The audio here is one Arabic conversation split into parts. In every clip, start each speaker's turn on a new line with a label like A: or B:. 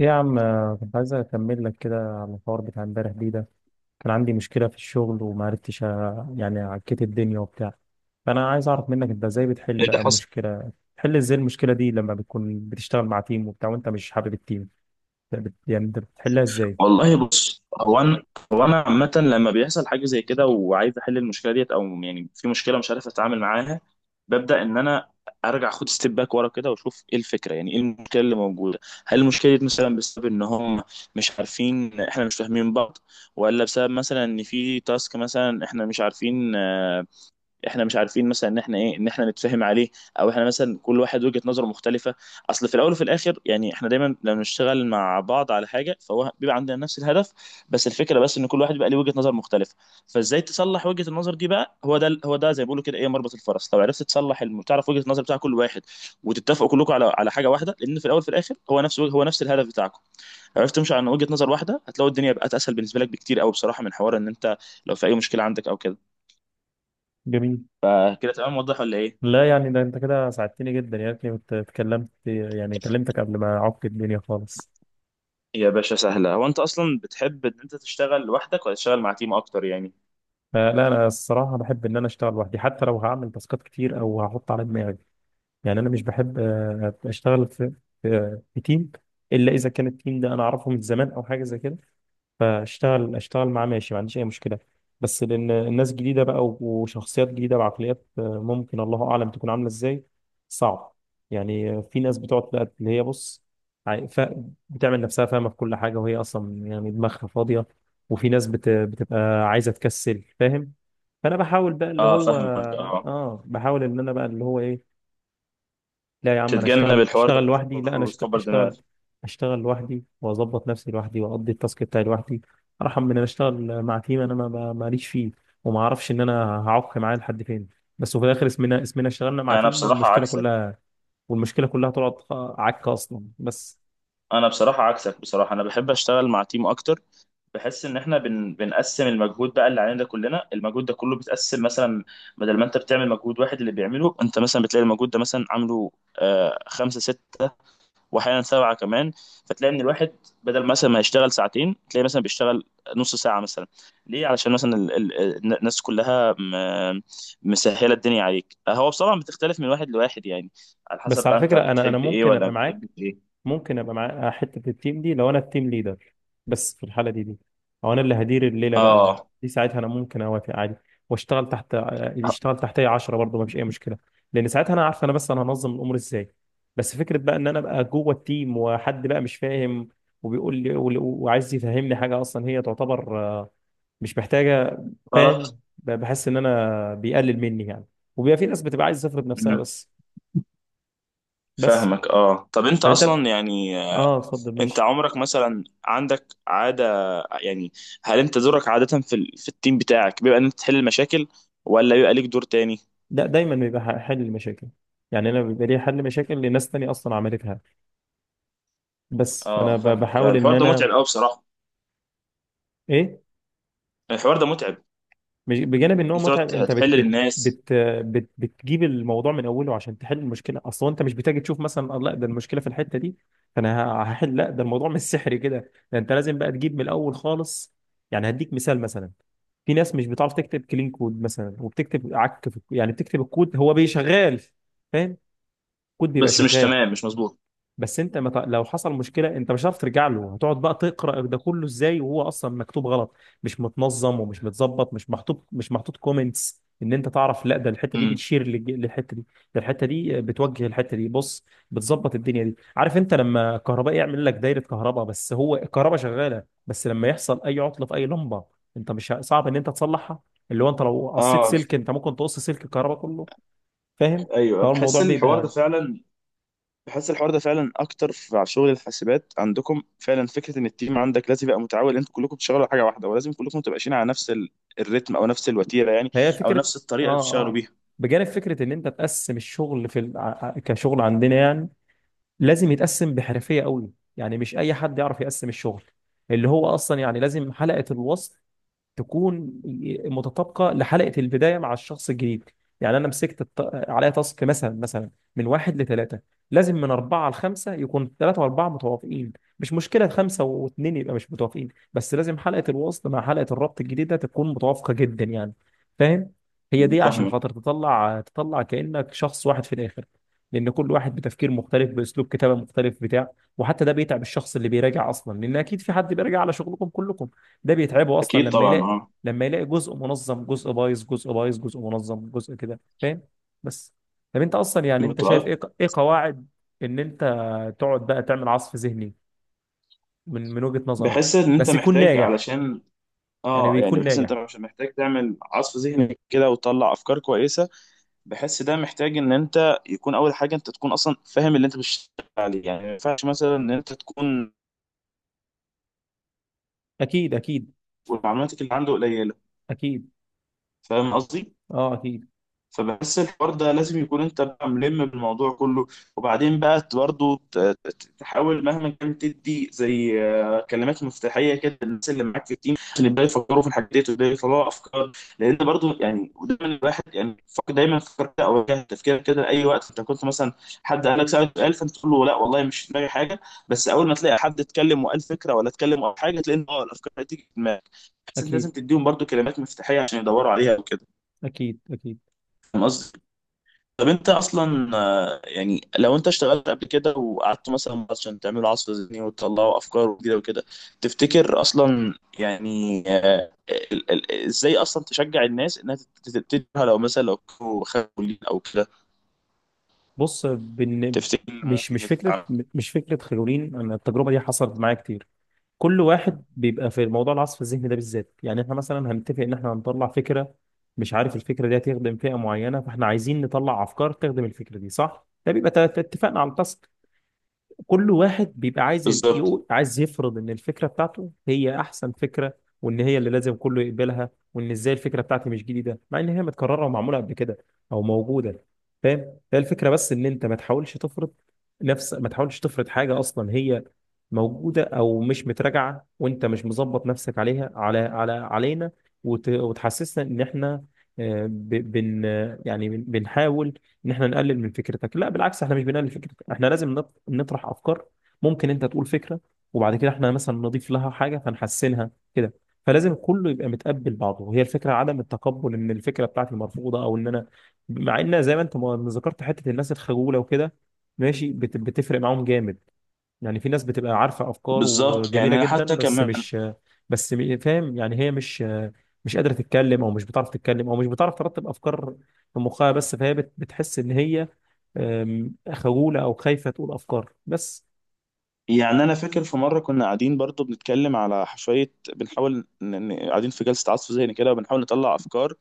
A: إيه يا عم، كنت عايز اكمل لك كده على الحوار بتاع امبارح دي ده. كان عندي مشكله في الشغل وما عرفتش، يعني عكيت الدنيا وبتاع. فانا عايز اعرف منك انت ازاي بتحل
B: ايه اللي
A: بقى
B: حصل؟
A: المشكله، بتحل ازاي المشكله دي لما بتكون بتشتغل مع تيم وبتاع وانت مش حابب التيم. يعني انت بتحلها ازاي؟
B: والله بص هو انا عامه لما بيحصل حاجه زي كده وعايز احل المشكله ديت، او يعني في مشكله مش عارف اتعامل معاها. ببدا ان انا ارجع اخد ستيب باك ورا كده واشوف ايه الفكره، يعني ايه المشكله اللي موجوده. هل المشكله دي مثلا بسبب ان هم مش عارفين، احنا مش فاهمين بعض؟ ولا بسبب مثلا ان في تاسك مثلا احنا مش عارفين، احنا مش عارفين مثلا ان احنا ايه ان احنا نتفاهم عليه، او احنا مثلا كل واحد وجهة نظره مختلفة. اصل في الاول وفي الاخر يعني احنا دايما لما بنشتغل مع بعض على حاجة فهو بيبقى عندنا نفس الهدف، بس الفكرة بس ان كل واحد بيبقى ليه وجهة نظر مختلفة. فازاي تصلح وجهة النظر دي بقى، هو ده هو ده زي ما بيقولوا كده ايه مربط الفرس. لو عرفت تصلح تعرف وجهة النظر بتاع كل واحد وتتفقوا كلكم على حاجة واحدة، لان في الاول وفي الاخر هو نفس الهدف بتاعكم. عرفت تمشي عن وجهة نظر واحدة هتلاقي الدنيا بقت اسهل بالنسبة لك بكتير قوي بصراحة، من حوار ان انت لو في اي مشكلة عندك او كده.
A: جميل.
B: فكده تمام واضح ولا ايه؟
A: لا يعني ده انت كده ساعدتني جدا، يا ريتني كنت اتكلمت يعني كلمتك قبل ما اعك الدنيا خالص.
B: يا باشا سهلة. هو انت اصلا بتحب ان انت تشتغل لوحدك ولا تشتغل مع تيم اكتر يعني؟
A: لا انا الصراحه بحب ان انا اشتغل لوحدي حتى لو هعمل تاسكات كتير او هحط على دماغي. يعني انا مش بحب اشتغل في تيم الا اذا كان التيم ده انا اعرفه من زمان او حاجه زي كده، فاشتغل اشتغل معاه ماشي ما عنديش اي مشكله. بس لان الناس جديده بقى وشخصيات جديده وعقليات ممكن الله اعلم تكون عامله ازاي صعب. يعني في ناس بتقعد بقى اللي هي بص عاي- ف- بتعمل نفسها فاهمه في كل حاجه وهي اصلا يعني دماغها فاضيه. وفي ناس بتبقى عايزه تكسل فاهم. فانا بحاول بقى اللي
B: اه
A: هو
B: فاهمك اه.
A: اه بحاول ان انا بقى اللي هو ايه. لا يا عم انا
B: تتجنب
A: اشتغل
B: الحوار ده
A: اشتغل لوحدي، لا
B: كله
A: انا
B: وتكبر دماغك.
A: اشتغل لوحدي واظبط نفسي لوحدي واقضي التاسك بتاعي لوحدي. ارحم من ان انا اشتغل مع تيم انا ماليش فيه وما اعرفش ان انا هعق معاه لحد فين. بس وفي الاخر اسمنا اشتغلنا مع
B: انا
A: تيم
B: بصراحة
A: والمشكله
B: عكسك.
A: كلها، والمشكله كلها طلعت عكه اصلا بس.
B: انا بصراحة عكسك، بصراحة انا بحب اشتغل مع تيم اكتر. بحس ان احنا بنقسم المجهود بقى اللي علينا ده، كلنا المجهود ده كله بيتقسم مثلا. بدل ما انت بتعمل مجهود واحد اللي بيعمله انت، مثلا بتلاقي المجهود ده مثلا عامله خمسة ستة، واحيانا سبعه كمان. فتلاقي ان الواحد بدل مثلا ما يشتغل ساعتين تلاقي مثلا بيشتغل نص ساعه مثلا. ليه؟ علشان مثلا الناس كلها مسهله الدنيا عليك. هو بصراحه بتختلف من واحد لواحد يعني، على
A: بس
B: حسب بقى
A: على
B: انت
A: فكره انا
B: بتحب ايه
A: ممكن
B: ولا
A: ابقى
B: ما بتحبش
A: معاك،
B: ايه.
A: ممكن ابقى معاه حته في التيم دي لو انا التيم ليدر. بس في الحاله دي او انا اللي هدير الليله بقى،
B: اه
A: دي ساعتها انا ممكن اوافق عادي واشتغل تحت، يشتغل تحتي 10 برضه ما فيش اي مشكله، لان ساعتها انا عارف انا بس انا هنظم الامور ازاي. بس فكره بقى ان انا ابقى جوه التيم وحد بقى مش فاهم وبيقول لي وعايز يفهمني حاجه اصلا هي تعتبر مش محتاجه.
B: غلط.
A: فاهم، بحس ان انا بيقلل مني يعني. وبيبقى في ناس بتبقى عايز تفرض نفسها
B: مم.
A: بس. بس
B: فاهمك اه. طب انت
A: طب انت
B: اصلا يعني
A: اه اتفضل
B: انت
A: ماشي.
B: عمرك مثلا عندك عاده يعني، هل انت دورك عاده في في التيم بتاعك بيبقى ان انت تحل المشاكل، ولا بيبقى ليك دور تاني؟
A: ده دايما بيبقى حل المشاكل. يعني انا بيبقى لي حل مشاكل لناس تانية اصلا عملتها. بس فانا
B: اه فاهمك.
A: بحاول ان
B: الحوار ده
A: انا
B: متعب قوي بصراحه.
A: ايه.
B: الحوار ده متعب،
A: بجانب ان هو
B: انت
A: متعب،
B: تقعد
A: انت بت
B: تحلل
A: بت
B: الناس.
A: بت بت بتجيب الموضوع من اوله عشان تحل المشكله، اصلا انت مش بتيجي تشوف مثلا لا ده المشكله في الحته دي فانا هحل، لا ده الموضوع مش سحري كده، ده انت لازم بقى تجيب من الاول خالص. يعني هديك مثال، مثلا في ناس مش بتعرف تكتب كلين كود مثلا وبتكتب عك، في يعني بتكتب الكود هو بيشغال فاهم، الكود بيبقى
B: بس مش
A: شغال.
B: تمام مش مظبوط.
A: بس انت مت... لو حصل مشكله انت مش هتعرف ترجع له، هتقعد بقى تقرا ده كله ازاي وهو اصلا مكتوب غلط، مش متنظم ومش متظبط، مش محطوط، مش محطوط كومنتس ان انت تعرف لا ده الحته دي
B: امم
A: بتشير للحته دي، ده الحته دي بتوجه الحته دي بص بتظبط الدنيا دي. عارف انت لما كهرباء يعمل لك دايره كهرباء بس هو الكهرباء شغاله، بس لما يحصل اي عطله في اي لمبه انت مش صعب ان انت تصلحها، اللي هو انت لو قصيت
B: اه
A: سلك انت ممكن تقص سلك الكهرباء كله فاهم.
B: ايوه.
A: فهو الموضوع
B: بحس ان الحوار ده
A: بيبقى
B: فعلا، بحس الحوار ده فعلا اكتر في على شغل الحاسبات عندكم. فعلا فكره ان التيم عندك لازم يبقى متعاون، انتوا كلكم بتشتغلوا على حاجه واحده ولازم كلكم تبقى ماشيين على نفس الريتم او نفس الوتيره يعني،
A: هي
B: او
A: فكرة.
B: نفس الطريقه اللي
A: اه
B: بتشتغلوا
A: اه،
B: بيها.
A: بجانب فكرة ان انت تقسم الشغل في كشغل عندنا يعني لازم يتقسم بحرفية قوي. يعني مش اي حد يعرف يقسم الشغل اللي هو اصلا يعني لازم حلقة الوصل تكون متطابقه لحلقه البدايه مع الشخص الجديد. يعني انا مسكت عليا تاسك مثلا من واحد لثلاثه لازم من اربعه لخمسه يكون ثلاثه واربعه متوافقين. مش مشكله خمسه واثنين يبقى مش متوافقين، بس لازم حلقه الوصل مع حلقه الربط الجديده تكون متوافقه جدا يعني فاهم. هي دي عشان
B: فاهمك.
A: خاطر تطلع تطلع كانك شخص واحد في الاخر، لان كل واحد بتفكير مختلف باسلوب كتابه مختلف بتاع. وحتى ده بيتعب الشخص اللي بيراجع اصلا لان اكيد في حد بيراجع على شغلكم كلكم، ده بيتعبه اصلا
B: اكيد
A: لما
B: طبعا
A: يلاقي
B: اه.
A: لما يلاقي جزء منظم جزء بايظ جزء بايظ جزء منظم جزء كده فاهم. بس طب انت اصلا يعني انت شايف
B: متعب.
A: ايه قواعد ان انت تقعد بقى تعمل عصف ذهني من وجهة نظرك
B: بحس ان انت
A: بس يكون
B: محتاج
A: ناجح،
B: علشان
A: يعني
B: اه يعني
A: بيكون
B: بحس ان انت
A: ناجح.
B: مش محتاج تعمل عصف ذهني كده وتطلع افكار كويسه. بحس ده محتاج ان انت يكون اول حاجه انت تكون اصلا فاهم اللي انت بتشتغل عليه، يعني ما ينفعش مثلا ان انت تكون
A: اكيد اكيد
B: معلوماتك اللي عنده قليله.
A: اكيد
B: فاهم قصدي؟
A: اه اكيد
B: فبحس الحوار ده لازم يكون انت بقى ملم بالموضوع كله. وبعدين بقى برضه تحاول مهما كان تدي زي كلمات مفتاحيه كده للناس اللي معاك في التيم عشان يبداوا يفكروا في الحاجات ديت ويبداوا يطلعوا افكار. لان برضه يعني، ودايما الواحد يعني دايما فكر كده او واجه تفكير كده اي وقت، انت كنت مثلا حد قال لك سألك سؤال فانت تقول له لا والله مش في دماغي حاجه. بس اول ما تلاقي حد اتكلم وقال فكره ولا اتكلم او حاجه، تلاقي ان الافكار هتيجي في دماغك، بس انت لازم
A: اكيد
B: تديهم برضه كلمات مفتاحيه عشان يدوروا عليها وكده.
A: اكيد اكيد.
B: فاهم قصدي؟ طب انت اصلا يعني لو انت اشتغلت قبل كده وقعدت مثلا عشان تعملوا عصف ذهني وتطلعوا افكار وكده وكده، تفتكر اصلا يعني ازاي اصلا تشجع الناس انها تبتديها لو مثلا لو كانوا خافوا ليه او كده؟
A: بص
B: تفتكر اللي
A: مش
B: ممكن
A: فكره
B: يتعمل؟
A: مش فكره خلولين، انا التجربه دي حصلت معايا كتير. كل واحد بيبقى في موضوع العصف الذهني ده بالذات، يعني احنا مثلا هنتفق ان احنا هنطلع فكره، مش عارف الفكره دي هتخدم فئه معينه فاحنا عايزين نطلع افكار تخدم الفكره دي صح، ده بيبقى اتفقنا على التاسك. كل واحد بيبقى عايز
B: بالظبط.
A: يقول عايز يفرض ان الفكره بتاعته هي احسن فكره، وان هي اللي لازم كله يقبلها وان ازاي الفكره بتاعتي مش جديده مع ان هي متكرره ومعموله قبل كده او موجوده فاهم. هي الفكره بس ان انت ما تحاولش تفرض، نفس ما تحاولش تفرض حاجه اصلا هي موجوده او مش متراجعه وانت مش مظبط نفسك عليها على على علينا وتحسسنا ان احنا آه، ب... بن يعني بنحاول ان احنا نقلل من فكرتك. لا بالعكس احنا مش بنقلل فكرتك، احنا لازم نطرح افكار. ممكن انت تقول فكره وبعد كده احنا مثلا نضيف لها حاجه فنحسنها كده. فلازم كله يبقى متقبل بعضه، هي الفكره عدم التقبل ان الفكره بتاعتي مرفوضه او ان انا، مع ان زي ما انت ما ذكرت حته الناس الخجوله وكده ماشي بتفرق معاهم جامد. يعني في ناس بتبقى عارفة أفكار
B: بالظبط يعني
A: وجميلة
B: انا
A: جدا
B: حتى
A: بس
B: كمان،
A: مش، بس فاهم يعني هي مش قادرة تتكلم أو مش بتعرف تتكلم أو مش بتعرف ترتب أفكار في مخها، بس فهي بتحس إن هي خجولة أو خايفة تقول أفكار بس.
B: يعني انا فاكر في مره كنا قاعدين برضو بنتكلم على شويه، بنحاول قاعدين في جلسه عصف ذهني كده وبنحاول نطلع افكار.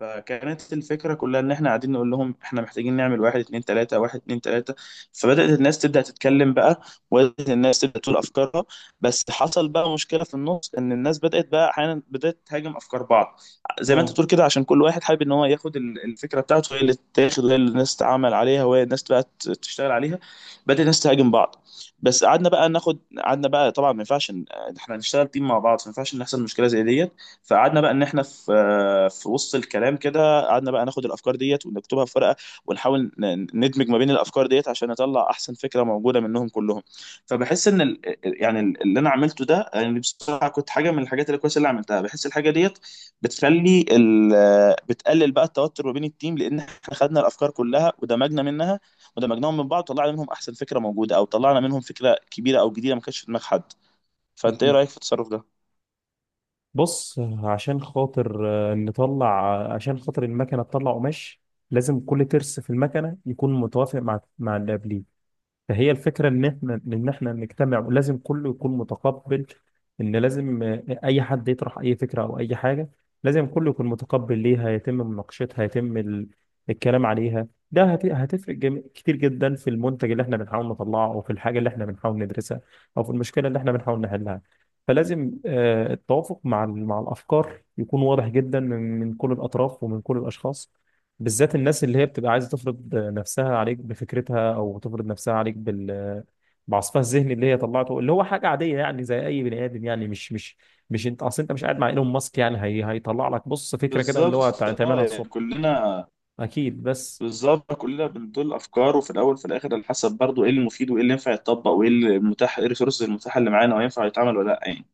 B: فكانت الفكرة كلها إن إحنا قاعدين نقول لهم إحنا محتاجين نعمل واحد اتنين تلاتة واحد اتنين تلاتة. فبدأت الناس تبدأ تتكلم بقى، وبدأت الناس تبدأ تقول أفكارها. بس حصل بقى مشكلة في النص إن الناس بدأت بقى أحيانا بدأت تهاجم أفكار بعض، زي ما أنت
A: اه
B: تقول كده، عشان كل واحد حابب إن هو ياخد الفكرة بتاعته هي اللي تاخد، وهي اللي الناس تعمل عليها وهي الناس بقى تشتغل عليها. بدأت الناس تهاجم بعض. بس قعدنا بقى طبعا ما ينفعش إحنا هنشتغل تيم مع بعض، ما ينفعش إن يحصل مشكلة زي ديت. فقعدنا بقى ان احنا في في وسط الكلام كده، قعدنا بقى ناخد الافكار ديت ونكتبها في ورقه ونحاول ندمج ما بين الافكار ديت عشان نطلع احسن فكره موجوده منهم كلهم. فبحس ان يعني اللي انا عملته ده يعني بصراحه كنت حاجه من الحاجات الكويسه اللي عملتها. بحس الحاجه ديت بتخلي ال... آه، بتقلل بقى التوتر ما بين التيم، لان احنا خدنا الافكار كلها ودمجنا منها، ودمجناهم من بعض وطلعنا منهم احسن فكره موجوده، او طلعنا منهم فكره كبيره او جديده ما كانتش في دماغ حد. فانت ايه
A: اكيد.
B: رايك في التصرف ده؟
A: بص عشان خاطر نطلع، عشان خاطر المكنة تطلع قماش لازم كل ترس في المكنة يكون متوافق مع اللي قبليه. فهي الفكرة إن إحنا نجتمع ولازم كله يكون متقبل إن لازم أي حد يطرح أي فكرة أو أي حاجة لازم كله يكون متقبل ليها، يتم مناقشتها، يتم الكلام عليها ده هتفرق كتير جدا في المنتج اللي إحنا بنحاول نطلعه، أو في الحاجة اللي إحنا بنحاول ندرسها أو في المشكلة اللي إحنا بنحاول نحلها. فلازم التوافق مع مع الأفكار يكون واضح جدا من كل الأطراف ومن كل الأشخاص، بالذات الناس اللي هي بتبقى عايزه تفرض نفسها عليك بفكرتها او تفرض نفسها عليك بعصفها الذهني اللي هي طلعته، اللي هو حاجه عاديه يعني زي اي بني ادم، يعني مش انت اصل انت مش قاعد مع ايلون ماسك يعني هي هيطلع لك بص فكره كده اللي هو
B: بالظبط اه،
A: تعملها
B: يعني
A: الصبح.
B: كلنا.
A: اكيد بس.
B: بالظبط كلنا بنطل افكار، وفي الاول وفي الاخر على حسب برضه ايه المفيد وايه اللي ينفع يتطبق وايه المتاح، ايه الريسورس المتاحه اللي معانا وينفع يتعمل ولا لا يعني.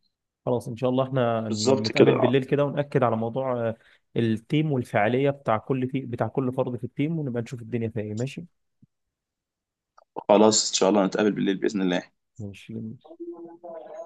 A: خلاص ان شاء الله احنا
B: بالظبط
A: نتقابل
B: كده آه.
A: بالليل كده ونأكد على موضوع التيم والفعاليه بتاع كل، في بتاع كل فرد في التيم ونبقى نشوف الدنيا فيها ايه. ماشي
B: خلاص ان شاء الله نتقابل بالليل باذن
A: ماشي.
B: الله.